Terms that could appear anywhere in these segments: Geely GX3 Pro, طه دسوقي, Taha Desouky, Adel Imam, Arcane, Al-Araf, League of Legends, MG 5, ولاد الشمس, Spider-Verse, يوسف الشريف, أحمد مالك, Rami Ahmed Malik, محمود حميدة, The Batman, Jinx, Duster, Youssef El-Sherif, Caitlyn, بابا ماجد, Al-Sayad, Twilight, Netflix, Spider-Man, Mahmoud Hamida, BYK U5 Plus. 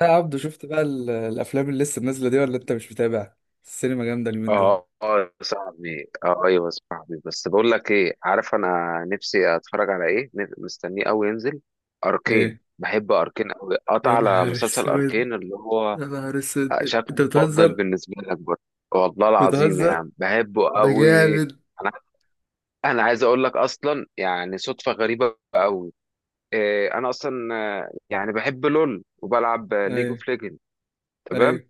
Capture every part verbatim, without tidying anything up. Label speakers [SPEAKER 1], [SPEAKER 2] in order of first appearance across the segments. [SPEAKER 1] يا عبدو، شفت بقى ال- الافلام اللي لسه نازله دي ولا انت مش متابع؟ السينما جامده اليومين دول.
[SPEAKER 2] اه اه يا صاحبي، اه ايوه يا صاحبي، بس بقول لك ايه، عارف انا نفسي اتفرج على ايه؟ نف- مستنيه قوي ينزل اركين،
[SPEAKER 1] ايه؟
[SPEAKER 2] بحب اركين قوي. قطع
[SPEAKER 1] يا
[SPEAKER 2] على
[SPEAKER 1] نهار
[SPEAKER 2] مسلسل
[SPEAKER 1] اسود،
[SPEAKER 2] اركين اللي هو
[SPEAKER 1] يا نهار
[SPEAKER 2] آه،
[SPEAKER 1] اسود! انت
[SPEAKER 2] شكله مفضل
[SPEAKER 1] بتهزر،
[SPEAKER 2] بالنسبه لك برضه. والله العظيم يا
[SPEAKER 1] بتهزر.
[SPEAKER 2] عم بحبه
[SPEAKER 1] ده
[SPEAKER 2] قوي.
[SPEAKER 1] جامد.
[SPEAKER 2] انا انا عايز اقول لك اصلا، يعني صدفه غريبه قوي. إيه، انا اصلا آه، يعني بحب لول وبلعب ليج
[SPEAKER 1] ايوه،
[SPEAKER 2] اوف ليجند. تمام.
[SPEAKER 1] ايوه.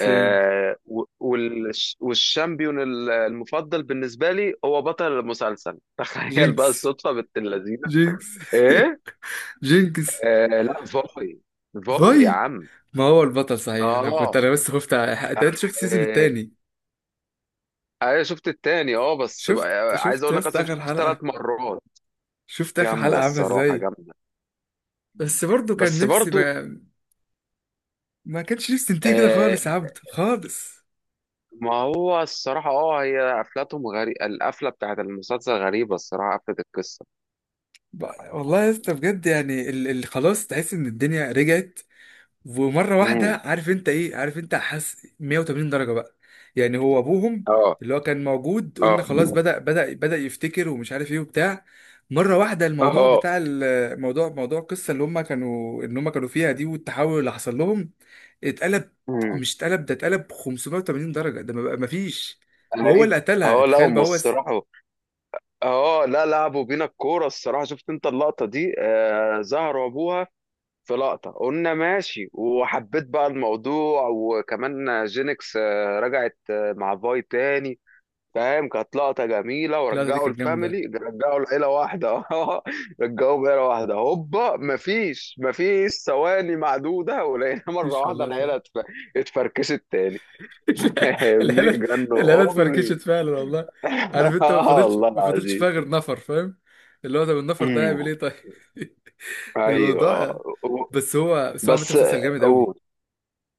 [SPEAKER 1] سيم.
[SPEAKER 2] آه، و- والش- والشامبيون ال- المفضل بالنسبة لي هو بطل المسلسل تخيل بقى
[SPEAKER 1] جينكس،
[SPEAKER 2] الصدفة بنت اللذينة.
[SPEAKER 1] جينكس
[SPEAKER 2] ايه.
[SPEAKER 1] جينكس.
[SPEAKER 2] آه، لا فوي، فوي يا
[SPEAKER 1] باي.
[SPEAKER 2] عم.
[SPEAKER 1] ما هو البطل صحيح. انا كنت،
[SPEAKER 2] اه،
[SPEAKER 1] انا بس خفت ع- انت أنت شفت السيزون
[SPEAKER 2] آه،
[SPEAKER 1] التاني؟
[SPEAKER 2] انا شفت التاني، اه، بس
[SPEAKER 1] شفت
[SPEAKER 2] بقى- عايز
[SPEAKER 1] شفت
[SPEAKER 2] اقول
[SPEAKER 1] يا
[SPEAKER 2] لك
[SPEAKER 1] اسطى
[SPEAKER 2] اصلا
[SPEAKER 1] اخر
[SPEAKER 2] شفت ثلاث
[SPEAKER 1] حلقه.
[SPEAKER 2] مرات.
[SPEAKER 1] شفت اخر حلقه
[SPEAKER 2] جامده
[SPEAKER 1] عامله
[SPEAKER 2] الصراحه،
[SPEAKER 1] ازاي؟
[SPEAKER 2] جامده. مم.
[SPEAKER 1] بس برضو كان
[SPEAKER 2] بس
[SPEAKER 1] نفسي
[SPEAKER 2] برضو،
[SPEAKER 1] ما, ما كانش نفسي تنتهي كده
[SPEAKER 2] آه،
[SPEAKER 1] خالص، يا عبد، خالص.
[SPEAKER 2] ما هو الصراحه، اه، هي قفلتهم غريبه، القفله بتاعت المسلسل غريبه الصراحه، قفله القصه.
[SPEAKER 1] ب- والله يا اسطى، بجد يعني اللي خلاص تحس ان الدنيا رجعت. ومره
[SPEAKER 2] امم.
[SPEAKER 1] واحده، عارف انت ايه، عارف انت حاسس مية وتمانين درجه بقى. يعني هو ابوهم،
[SPEAKER 2] اه.
[SPEAKER 1] اللي هو كان موجود
[SPEAKER 2] اه.
[SPEAKER 1] قلنا خلاص، بدأ بدأ بدأ يفتكر ومش عارف ايه وبتاع. مره واحده الموضوع،
[SPEAKER 2] اه.
[SPEAKER 1] بتاع الموضوع موضوع القصه اللي هم كانوا ان هم كانوا فيها دي، والتحول اللي حصل لهم. اتقلب،
[SPEAKER 2] امم.
[SPEAKER 1] مش اتقلب ده، اتقلب خمسمية وتمانين درجه، ده ما بقى- ما فيش. وهو
[SPEAKER 2] ايوه.
[SPEAKER 1] اللي قتلها،
[SPEAKER 2] اه لا،
[SPEAKER 1] تخيل
[SPEAKER 2] هم
[SPEAKER 1] بقى هو الس-
[SPEAKER 2] الصراحه اه، لا، لعبوا بينا الكوره الصراحه. شفت انت اللقطه دي؟ آه، زهروا ابوها في لقطه، قلنا ماشي وحبيت بقى الموضوع. وكمان جينكس آه رجعت آه مع فاي تاني، فاهم؟ كانت لقطه جميله،
[SPEAKER 1] اللقطه دي
[SPEAKER 2] ورجعوا
[SPEAKER 1] كانت جامده.
[SPEAKER 2] الفاميلي، رجعوا العيله واحده اه، رجعوا عيله واحده. هوبا، مفيش، مفيش ثواني معدوده ولقينا مره
[SPEAKER 1] مفيش
[SPEAKER 2] واحده
[SPEAKER 1] والله.
[SPEAKER 2] العيله اتف- اتفركشت تاني فاهمني؟
[SPEAKER 1] العيله، العيله
[SPEAKER 2] جنوا
[SPEAKER 1] اتفركشت
[SPEAKER 2] امي
[SPEAKER 1] فعلا والله. عارف انت، ما
[SPEAKER 2] اه
[SPEAKER 1] فضلتش
[SPEAKER 2] والله
[SPEAKER 1] ما فضلتش
[SPEAKER 2] العظيم.
[SPEAKER 1] فيها غير نفر فاهم؟ اللي هو طب النفر ده هيعمل
[SPEAKER 2] امم.
[SPEAKER 1] ايه طيب؟
[SPEAKER 2] ايوه.
[SPEAKER 1] الموضوع.
[SPEAKER 2] اه و-
[SPEAKER 1] بس هو بس هو عامة
[SPEAKER 2] بس
[SPEAKER 1] مسلسل جامد قوي،
[SPEAKER 2] قول.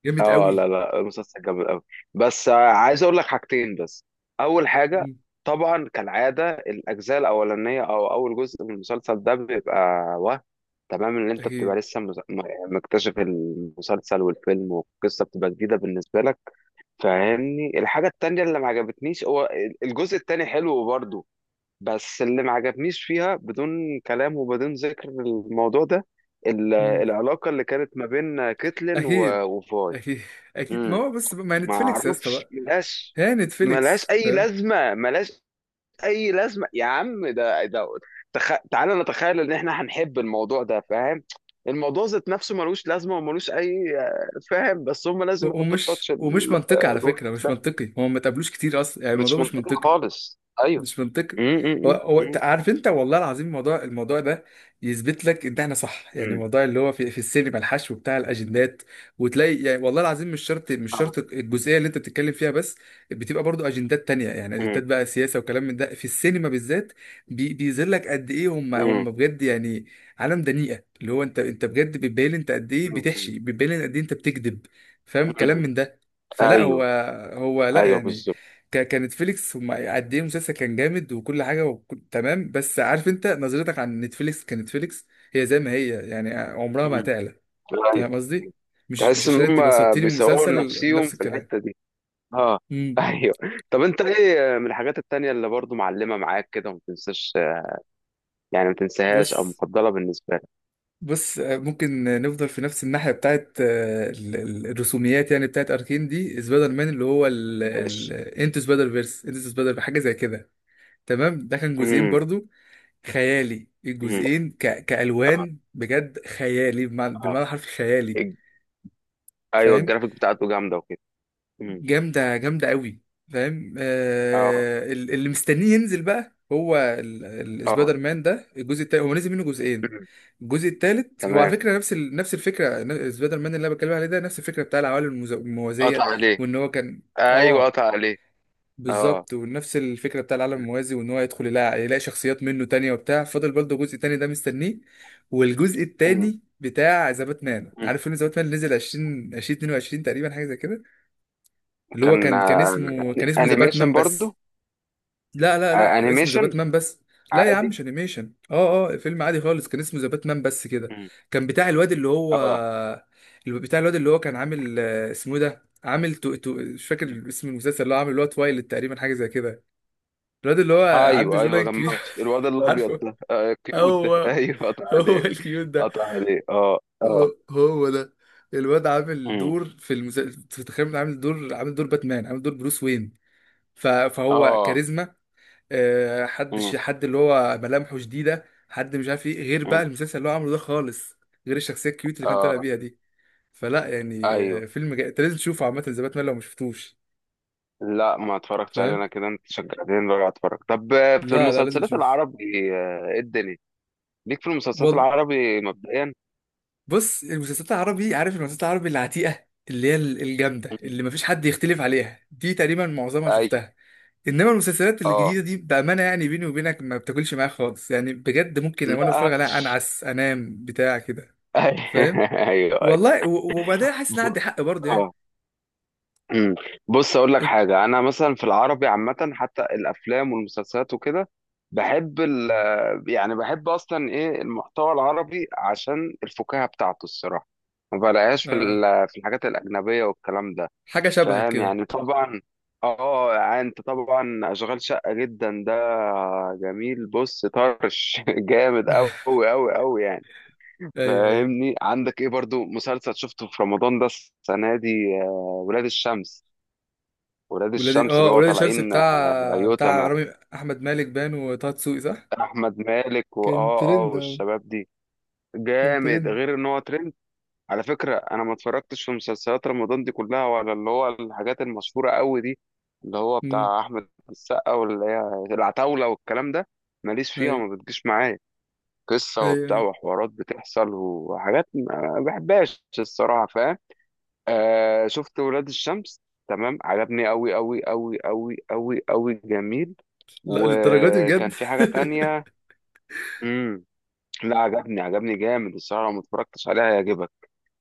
[SPEAKER 1] جامد
[SPEAKER 2] اه لا
[SPEAKER 1] قوي.
[SPEAKER 2] لا، المسلسل جامد قوي، بس آه، عايز اقول لك حاجتين بس. اول حاجه،
[SPEAKER 1] مم.
[SPEAKER 2] طبعا كالعاده، الاجزاء الاولانيه او اول جزء من المسلسل ده بيبقى وهم. تمام؟ ان انت بتبقى
[SPEAKER 1] اكيد.
[SPEAKER 2] لسه مز- م- مكتشف المسلسل والفيلم، والقصه بتبقى جديده بالنسبه لك. فاهمني؟ الحاجه التانيه اللي ما عجبتنيش هو الجزء التاني حلو برضه، بس اللي ما عجبنيش فيها، بدون كلام وبدون ذكر الموضوع ده، ال-
[SPEAKER 1] مم.
[SPEAKER 2] العلاقة اللي كانت ما بين كيتلين و-
[SPEAKER 1] اكيد،
[SPEAKER 2] وفاي.
[SPEAKER 1] اكيد، اكيد. ما
[SPEAKER 2] امم.
[SPEAKER 1] هو بس ما
[SPEAKER 2] ما
[SPEAKER 1] نتفليكس يا اسطى
[SPEAKER 2] اعرفش،
[SPEAKER 1] بقى.
[SPEAKER 2] ملهاش،
[SPEAKER 1] هي نتفليكس
[SPEAKER 2] ملهاش اي
[SPEAKER 1] فاهم.
[SPEAKER 2] لازمة، ملهاش اي لازمة يا عم. ده ده تخ... تعالى نتخيل ان احنا هنحب الموضوع ده، فاهم؟ الموضوع ذات نفسه ملوش لازمة وملوش اي آه، فاهم؟ بس هم
[SPEAKER 1] و-
[SPEAKER 2] لازم يحطوا
[SPEAKER 1] ومش
[SPEAKER 2] التاتش
[SPEAKER 1] ومش
[SPEAKER 2] ال-
[SPEAKER 1] منطقي
[SPEAKER 2] آه،
[SPEAKER 1] على فكرة،
[SPEAKER 2] الوحش
[SPEAKER 1] مش
[SPEAKER 2] ده.
[SPEAKER 1] منطقي. هو ما تقابلوش كتير اصلا يعني،
[SPEAKER 2] مش
[SPEAKER 1] الموضوع مش
[SPEAKER 2] منطقي
[SPEAKER 1] منطقي.
[SPEAKER 2] خالص، ايوه.
[SPEAKER 1] مش منطقي.
[SPEAKER 2] امم
[SPEAKER 1] هو هو ت-
[SPEAKER 2] امم
[SPEAKER 1] عارف انت، والله العظيم الموضوع الموضوع ده يثبت لك ان احنا صح. يعني الموضوع اللي هو في, في السينما، الحشو بتاع الاجندات. وتلاقي يعني والله العظيم، مش شرط، مش شرط الجزئيه اللي انت بتتكلم فيها بس. بتبقى برضو اجندات تانية، يعني
[SPEAKER 2] امم.
[SPEAKER 1] اجندات بقى سياسه وكلام من ده في السينما بالذات. بي بيظهر لك قد ايه هم
[SPEAKER 2] مم.
[SPEAKER 1] هم بجد يعني. عالم دنيئه، اللي هو انت انت بجد بتبين انت قد ايه
[SPEAKER 2] مم.
[SPEAKER 1] بتحشي، بتبين قد ايه انت بتكذب. فاهم كلام
[SPEAKER 2] مم.
[SPEAKER 1] من ده. فلا، هو
[SPEAKER 2] ايوه.
[SPEAKER 1] هو لا
[SPEAKER 2] ايوه
[SPEAKER 1] يعني.
[SPEAKER 2] بالظبط.
[SPEAKER 1] ك- كانت فيليكس هم قد ايه، المسلسل كان جامد وكل حاجه وكل تمام. بس عارف انت، نظرتك عن نتفليكس كنتفليكس هي زي ما هي يعني، عمرها ما
[SPEAKER 2] مم.
[SPEAKER 1] هتعلى.
[SPEAKER 2] ايوه.
[SPEAKER 1] تمام؟
[SPEAKER 2] مم.
[SPEAKER 1] قصدي مش مش
[SPEAKER 2] تحس ان
[SPEAKER 1] عشان
[SPEAKER 2] هم
[SPEAKER 1] انت بسطتيني من
[SPEAKER 2] بيصوروا
[SPEAKER 1] مسلسل.
[SPEAKER 2] نفسيهم
[SPEAKER 1] نفس
[SPEAKER 2] في
[SPEAKER 1] الكلام.
[SPEAKER 2] الحته دي. اه
[SPEAKER 1] امم
[SPEAKER 2] ايوه. طب انت ايه من الحاجات التانية اللي برضو معلمه معاك كده وما تنساش؟ يعني ما تنساهاش او
[SPEAKER 1] بص،
[SPEAKER 2] مفضله بالنسبه لك.
[SPEAKER 1] بص. آه، ممكن نفضل في نفس الناحيه بتاعت آه، ال- ال- الرسوميات، يعني بتاعت اركين دي. سبايدر مان اللي هو ال... ال...
[SPEAKER 2] ماشي.
[SPEAKER 1] انتو سبايدر فيرس، انتو سبايدر حاجه زي كده. تمام، ده كان جزئين
[SPEAKER 2] امم.
[SPEAKER 1] برضو. خيالي
[SPEAKER 2] امم.
[SPEAKER 1] الجزئين ك...
[SPEAKER 2] اه.
[SPEAKER 1] كألوان بجد، خيالي بمعنى
[SPEAKER 2] اه.
[SPEAKER 1] بالمعنى الحرفي خيالي.
[SPEAKER 2] الج- ايوه،
[SPEAKER 1] فاهم.
[SPEAKER 2] الجرافيك بتاعته جامده وكده. امم.
[SPEAKER 1] جامدة، جامدة قوي. فاهم.
[SPEAKER 2] اه.
[SPEAKER 1] آه... ال- اللي مستنيه ينزل بقى هو ال...
[SPEAKER 2] اه.
[SPEAKER 1] السبايدر مان ده. الجزء التالت هو نزل منه جزئين.
[SPEAKER 2] مم.
[SPEAKER 1] الجزء التالت هو على
[SPEAKER 2] تمام.
[SPEAKER 1] فكرة نفس ال... نفس الفكرة، ن- سبايدر مان اللي انا بتكلم عليه ده نفس الفكرة بتاع العوالم المز-
[SPEAKER 2] قطع
[SPEAKER 1] الموازية.
[SPEAKER 2] عليه.
[SPEAKER 1] وان هو كان،
[SPEAKER 2] ايوه
[SPEAKER 1] اه
[SPEAKER 2] قطع عليه. اه.
[SPEAKER 1] بالظبط. ونفس الفكره بتاع العالم الموازي، وان هو يدخل يلاقي, يلاقي شخصيات منه تانية وبتاع. فاضل برضه جزء تاني ده مستنيه. والجزء
[SPEAKER 2] مم.
[SPEAKER 1] التاني بتاع ذا باتمان،
[SPEAKER 2] مم.
[SPEAKER 1] عارف فيلم ذا باتمان نزل عشرين الفين واتنين وعشرين تقريبا، حاجه زي كده. اللي هو
[SPEAKER 2] كان
[SPEAKER 1] كان كان
[SPEAKER 2] آه،
[SPEAKER 1] اسمه كان اسمه ذا
[SPEAKER 2] انيميشن
[SPEAKER 1] باتمان بس.
[SPEAKER 2] برضو؟
[SPEAKER 1] لا لا
[SPEAKER 2] آه،
[SPEAKER 1] لا، اسمه ذا
[SPEAKER 2] انيميشن؟
[SPEAKER 1] باتمان بس. لا يا عم،
[SPEAKER 2] عادي.
[SPEAKER 1] مش انيميشن، اه اه. فيلم عادي خالص، كان اسمه ذا باتمان بس كده.
[SPEAKER 2] مم.
[SPEAKER 1] كان بتاع الواد اللي هو
[SPEAKER 2] اه.
[SPEAKER 1] اللي بتاع الواد اللي هو كان عامل، آه، اسمه إيه ده، عامل تو... تو... مش
[SPEAKER 2] مم.
[SPEAKER 1] فاكر اسم المسلسل اللي هو عامل، اللي هو تويلايت تقريبا، حاجه زي كده. الواد اللي هو عنده
[SPEAKER 2] ايوه ايوه،
[SPEAKER 1] جولان كبير.
[SPEAKER 2] جمعت الواد الابيض
[SPEAKER 1] عارفه.
[SPEAKER 2] ده آه كيوت ده
[SPEAKER 1] هو
[SPEAKER 2] ايوه قطع
[SPEAKER 1] هو
[SPEAKER 2] عليه،
[SPEAKER 1] الكيوت ده.
[SPEAKER 2] قطع عليه. اه اه.
[SPEAKER 1] هو, هو ده. الواد عامل
[SPEAKER 2] مم.
[SPEAKER 1] دور في المسلسل، تخيل، عامل دور، عامل دور باتمان، عامل دور بروس وين. ف... فهو
[SPEAKER 2] اه.
[SPEAKER 1] كاريزما، آه، حد
[SPEAKER 2] مم.
[SPEAKER 1] ش... حد اللي هو ملامحه شديدة، حد مش عارف ايه غير
[SPEAKER 2] مم.
[SPEAKER 1] بقى المسلسل اللي هو عامله ده خالص، غير الشخصية الكيوت اللي كان طالع
[SPEAKER 2] اه.
[SPEAKER 1] بيها دي. فلا يعني،
[SPEAKER 2] ايوه.
[SPEAKER 1] آه، فيلم جا... انت لازم تشوفه عامة زي باتمان لو ما شفتوش.
[SPEAKER 2] لا، ما اتفرجتش عليه
[SPEAKER 1] فاهم؟
[SPEAKER 2] انا كده. انت شجعتني بقى اتفرج. طب آه، في
[SPEAKER 1] لا لا، لازم
[SPEAKER 2] المسلسلات
[SPEAKER 1] تشوفه.
[SPEAKER 2] العربي آه، ايه الدنيا ليك في المسلسلات العربي مبدئيا؟
[SPEAKER 1] بص، المسلسلات العربي، عارف المسلسلات العربي العتيقة اللي هي ال- الجامدة
[SPEAKER 2] مم.
[SPEAKER 1] اللي مفيش حد يختلف عليها دي، تقريبا معظمها
[SPEAKER 2] ايوه.
[SPEAKER 1] شفتها. انما المسلسلات
[SPEAKER 2] اه
[SPEAKER 1] الجديدة دي بأمانة يعني، بيني وبينك، ما بتاكلش معايا خالص يعني، بجد ممكن وانا
[SPEAKER 2] لا
[SPEAKER 1] بتفرج عليها
[SPEAKER 2] هاتش
[SPEAKER 1] انعس، انام بتاع كده. فاهم؟
[SPEAKER 2] ايوه ايوه.
[SPEAKER 1] والله، و- وبعدين حاسس ان أنا
[SPEAKER 2] ب-
[SPEAKER 1] عندي حق برضه يعني.
[SPEAKER 2] اه امم. بص اقول لك
[SPEAKER 1] إت-
[SPEAKER 2] حاجه، انا مثلا في العربي عامه، حتى الافلام والمسلسلات وكده، بحب ال يعني بحب اصلا ايه المحتوى العربي عشان الفكاهه بتاعته الصراحه. ما بلاقيهاش في
[SPEAKER 1] آه،
[SPEAKER 2] ال- في الحاجات الاجنبيه والكلام ده،
[SPEAKER 1] حاجة شبهك
[SPEAKER 2] فاهم
[SPEAKER 1] كده.
[SPEAKER 2] يعني؟ طبعا. اه يعني، انت طبعا اشغال شقه جدا ده، جميل. بص طرش جامد قوي قوي قوي يعني.
[SPEAKER 1] ايوه، ايوه.
[SPEAKER 2] فاهمني؟ عندك ايه برضو مسلسل شفته في رمضان ده السنه دي؟ آه، ولاد الشمس، ولاد
[SPEAKER 1] ولادي
[SPEAKER 2] الشمس
[SPEAKER 1] اه
[SPEAKER 2] اللي هو
[SPEAKER 1] ولاد الشمس
[SPEAKER 2] طالعين آه،
[SPEAKER 1] بتاع بتاع
[SPEAKER 2] يوتما،
[SPEAKER 1] رامي احمد مالك، بان وطه دسوقي، صح؟
[SPEAKER 2] احمد مالك واه
[SPEAKER 1] كان
[SPEAKER 2] اه آه،
[SPEAKER 1] ترند أوي،
[SPEAKER 2] والشباب دي.
[SPEAKER 1] كان
[SPEAKER 2] جامد،
[SPEAKER 1] ترند.
[SPEAKER 2] غير ان هو ترند. على فكره انا ما اتفرجتش في مسلسلات رمضان دي كلها، ولا اللي هو الحاجات المشهوره قوي دي، اللي هو
[SPEAKER 1] امم،
[SPEAKER 2] بتاع احمد السقا واللي هي العتاوله والكلام ده. ماليش فيها
[SPEAKER 1] ايوه،
[SPEAKER 2] وما بتجيش معايا، قصه
[SPEAKER 1] ايوه،
[SPEAKER 2] وبتاع
[SPEAKER 1] أيوه.
[SPEAKER 2] وحوارات بتحصل وحاجات ما بحبهاش الصراحه، فاهم؟ آه، شفت ولاد الشمس. تمام، عجبني قوي قوي قوي قوي قوي قوي، جميل.
[SPEAKER 1] لا، للدرجة دي
[SPEAKER 2] وكان
[SPEAKER 1] بجد.
[SPEAKER 2] في حاجة تانية. امم. لا، عجبني، عجبني جامد الصراحة. لو ما اتفرجتش عليها هيعجبك.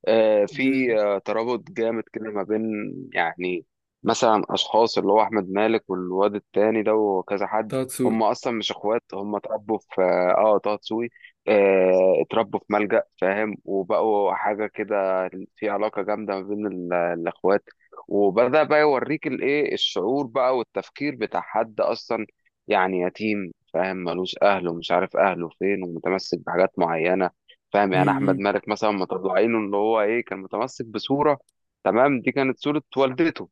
[SPEAKER 2] آه، في
[SPEAKER 1] جامد.
[SPEAKER 2] آه، ترابط جامد كده ما بين، يعني مثلا، اشخاص اللي هو احمد مالك والواد التاني ده وكذا حد.
[SPEAKER 1] طه دسوقي.
[SPEAKER 2] هم اصلا مش اخوات، هم اتربوا في اه آه، طه دسوقي، آه، اتربوا في ملجأ فاهم، وبقوا حاجه كده. في علاقه جامده ما بين ال- الاخوات. وبدأ بقى يوريك الايه، الشعور بقى والتفكير بتاع حد اصلا يعني يتيم، فاهم؟ ملوش اهله ومش عارف اهله فين، ومتمسك بحاجات معينه، فاهم؟ يعني احمد
[SPEAKER 1] امم،
[SPEAKER 2] مالك مثلا مطلعينه ان هو ايه، كان متمسك بصوره. تمام؟ دي كانت صوره والدته.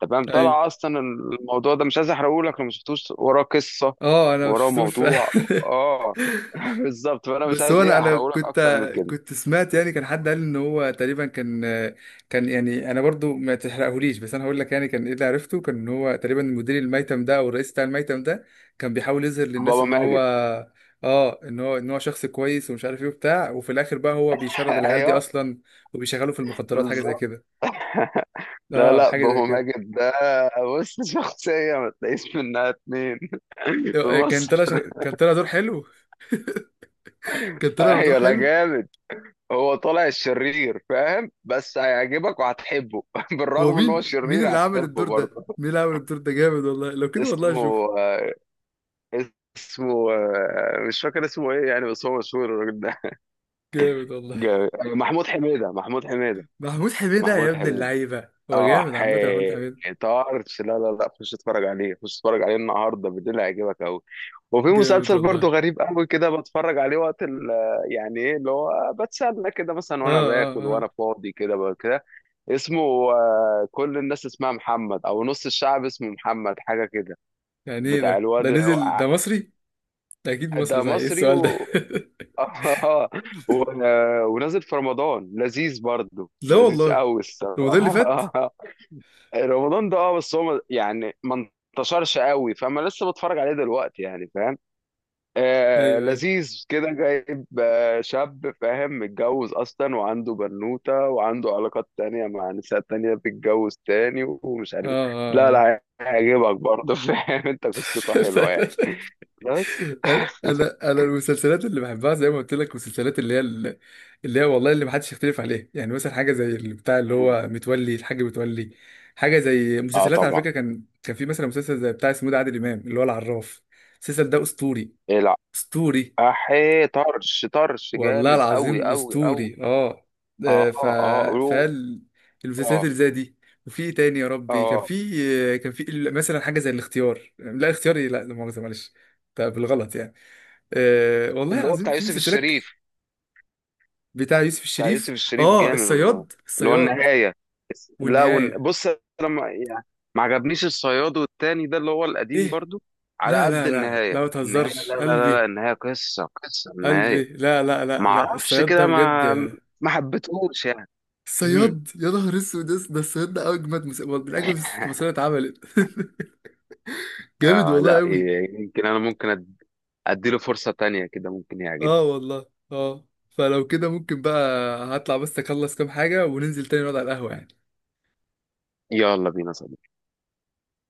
[SPEAKER 2] تمام،
[SPEAKER 1] ايوه،
[SPEAKER 2] طلع اصلا الموضوع ده، مش عايز احرقه لك لو ما شفتوش، وراه قصه،
[SPEAKER 1] اه. انا ما
[SPEAKER 2] وراه
[SPEAKER 1] شفتوش فعلا.
[SPEAKER 2] موضوع. اه بالظبط، فانا مش
[SPEAKER 1] بس
[SPEAKER 2] عايز
[SPEAKER 1] هو انا
[SPEAKER 2] ايه
[SPEAKER 1] انا
[SPEAKER 2] احرقه لك
[SPEAKER 1] كنت
[SPEAKER 2] اكتر من كده.
[SPEAKER 1] كنت سمعت يعني، كان حد قال ان هو تقريبا كان. كان يعني انا برضو ما تحرقهوليش، بس انا هقول لك يعني كان ايه اللي عرفته، كان ان هو تقريبا المدير الميتم ده او الرئيس بتاع الميتم ده، كان بيحاول يظهر للناس
[SPEAKER 2] بابا
[SPEAKER 1] ان هو
[SPEAKER 2] ماجد.
[SPEAKER 1] اه ان هو ان هو شخص كويس ومش عارف ايه وبتاع، وفي الاخر بقى هو بيشرد العيال دي
[SPEAKER 2] ايوه
[SPEAKER 1] اصلا وبيشغلوا في المخدرات، حاجه زي
[SPEAKER 2] بالظبط.
[SPEAKER 1] كده.
[SPEAKER 2] لا
[SPEAKER 1] اه،
[SPEAKER 2] لا،
[SPEAKER 1] حاجه زي
[SPEAKER 2] بابا
[SPEAKER 1] كده.
[SPEAKER 2] ماجد ده بص، شخصيه ما تلاقيش منها اتنين في
[SPEAKER 1] كان
[SPEAKER 2] مصر.
[SPEAKER 1] طلع شخ- كان طلع دور حلو. كان طلع بدور
[SPEAKER 2] ايوه لا
[SPEAKER 1] حلو.
[SPEAKER 2] جامد. هو طالع الشرير فاهم، بس هيعجبك وهتحبه
[SPEAKER 1] هو
[SPEAKER 2] بالرغم ان هو
[SPEAKER 1] مين مين
[SPEAKER 2] شرير
[SPEAKER 1] اللي عمل
[SPEAKER 2] هتحبه
[SPEAKER 1] الدور ده،
[SPEAKER 2] برضه.
[SPEAKER 1] مين اللي عمل الدور ده جامد والله، لو كده والله
[SPEAKER 2] اسمه
[SPEAKER 1] اشوف.
[SPEAKER 2] آه، اسمه آه، مش فاكر اسمه ايه يعني، بس هو مشهور الراجل ده.
[SPEAKER 1] جامد والله.
[SPEAKER 2] جامد. محمود حميدة محمود حميدة،
[SPEAKER 1] محمود حميدة، يا
[SPEAKER 2] محمود
[SPEAKER 1] ابن
[SPEAKER 2] حميدة.
[SPEAKER 1] اللعيبة، هو
[SPEAKER 2] اه.
[SPEAKER 1] جامد عامة محمود حميدة.
[SPEAKER 2] حيطارش. لا لا لا، خش اتفرج عليه، خش اتفرج عليه النهارده بالليل، هيعجبك قوي. وفي
[SPEAKER 1] جامد
[SPEAKER 2] مسلسل برضه
[SPEAKER 1] والله.
[SPEAKER 2] غريب قوي كده بتفرج عليه وقت ال- يعني ايه اللي هو، بتسلى كده مثلا
[SPEAKER 1] اه
[SPEAKER 2] وانا
[SPEAKER 1] اه
[SPEAKER 2] باكل
[SPEAKER 1] اه،
[SPEAKER 2] وانا فاضي كده. اسمه آه، كل الناس اسمها محمد، او نص الشعب اسمه محمد، حاجه كده.
[SPEAKER 1] يعني ايه
[SPEAKER 2] بتاع
[SPEAKER 1] ده
[SPEAKER 2] الواد
[SPEAKER 1] ده نزل،
[SPEAKER 2] هو-
[SPEAKER 1] ده مصري؟ ده اكيد
[SPEAKER 2] ده
[SPEAKER 1] مصري، صحيح ايه
[SPEAKER 2] مصري
[SPEAKER 1] السؤال ده.
[SPEAKER 2] و... و... ونازل في رمضان، لذيذ برضه،
[SPEAKER 1] لا
[SPEAKER 2] لذيذ
[SPEAKER 1] والله.
[SPEAKER 2] قوي
[SPEAKER 1] هو ده اللي فات.
[SPEAKER 2] الصراحه رمضان ده اه، بس هو ما- يعني ما انتشرش قوي، فانا لسه بتفرج عليه دلوقتي يعني، فاهم؟ آه،
[SPEAKER 1] ايوه، ايوه،
[SPEAKER 2] لذيذ كده، جايب آه شاب فاهم متجوز اصلا وعنده بنوته، وعنده علاقات تانية مع نساء تانية، بتتجوز تاني ومش عارف
[SPEAKER 1] اه
[SPEAKER 2] إيه. لا
[SPEAKER 1] اه
[SPEAKER 2] لا، هيعجبك برضه فاهم؟ انت قصته حلوه يعني،
[SPEAKER 1] اه.
[SPEAKER 2] بس.
[SPEAKER 1] انا انا أنا المسلسلات اللي بحبها زي ما قلت لك، مسلسلات اللي هي ال- اللي هي والله اللي محدش يختلف عليها، يعني مثلا حاجه زي اللي بتاع، اللي هو متولي، الحاج متولي. حاجه زي
[SPEAKER 2] اه
[SPEAKER 1] مسلسلات، على
[SPEAKER 2] طبعا.
[SPEAKER 1] فكره، كان كان في مثلا مسلسل زي بتاع اسمه ده عادل امام، اللي هو العراف. المسلسل ده اسطوري.
[SPEAKER 2] إيه لا،
[SPEAKER 1] اسطوري
[SPEAKER 2] احي طرش، طرش
[SPEAKER 1] والله
[SPEAKER 2] جامد قوي
[SPEAKER 1] العظيم،
[SPEAKER 2] قوي قوي.
[SPEAKER 1] اسطوري. اه،
[SPEAKER 2] اه
[SPEAKER 1] آه، ف
[SPEAKER 2] اه اه
[SPEAKER 1] فال المسلسلات
[SPEAKER 2] اه
[SPEAKER 1] اللي زي دي. وفي إيه تاني يا ربي، كان
[SPEAKER 2] اه
[SPEAKER 1] في كان في مثلا حاجه زي الاختيار، لا اختياري، لا لا مؤاخذه، معلش. طب بالغلط يعني. آه والله
[SPEAKER 2] اللي هو
[SPEAKER 1] العظيم
[SPEAKER 2] بتاع
[SPEAKER 1] في
[SPEAKER 2] يوسف
[SPEAKER 1] مسلسلات.
[SPEAKER 2] الشريف.
[SPEAKER 1] بتاع يوسف
[SPEAKER 2] بتاع
[SPEAKER 1] الشريف،
[SPEAKER 2] يوسف الشريف
[SPEAKER 1] اه
[SPEAKER 2] جامد، اللي
[SPEAKER 1] الصياد،
[SPEAKER 2] اللي هو
[SPEAKER 1] الصياد
[SPEAKER 2] النهاية. لا ون...
[SPEAKER 1] والنهاية.
[SPEAKER 2] بص انا ما يعني، ما عجبنيش الصياد، والتاني ده اللي هو القديم
[SPEAKER 1] ايه
[SPEAKER 2] برضو، على
[SPEAKER 1] لا،
[SPEAKER 2] قد
[SPEAKER 1] لا لا
[SPEAKER 2] النهاية.
[SPEAKER 1] لا، ما
[SPEAKER 2] النهاية لا
[SPEAKER 1] تهزرش
[SPEAKER 2] لا لا, لا
[SPEAKER 1] قلبي.
[SPEAKER 2] النهاية، قصة قصة النهاية.
[SPEAKER 1] قلبي، لا لا لا
[SPEAKER 2] ما
[SPEAKER 1] لا،
[SPEAKER 2] اعرفش
[SPEAKER 1] الصياد ده
[SPEAKER 2] كده،
[SPEAKER 1] بجد.
[SPEAKER 2] ما ما حبيتهوش يعني. مم.
[SPEAKER 1] الصياد، يا نهار اسود، ده ده الصياد ده اجمد مس... وال- من اجمد المسلسلات اتعملت. جامد
[SPEAKER 2] آه
[SPEAKER 1] والله
[SPEAKER 2] لا،
[SPEAKER 1] قوي.
[SPEAKER 2] ي- يمكن انا ممكن أد... اديله فرصة تانية كده، ممكن
[SPEAKER 1] اه
[SPEAKER 2] يعجبني.
[SPEAKER 1] والله. اه، فلو كده ممكن بقى، هطلع بس اخلص كام حاجة وننزل تاني نقعد على القهوة يعني.
[SPEAKER 2] يلا بينا.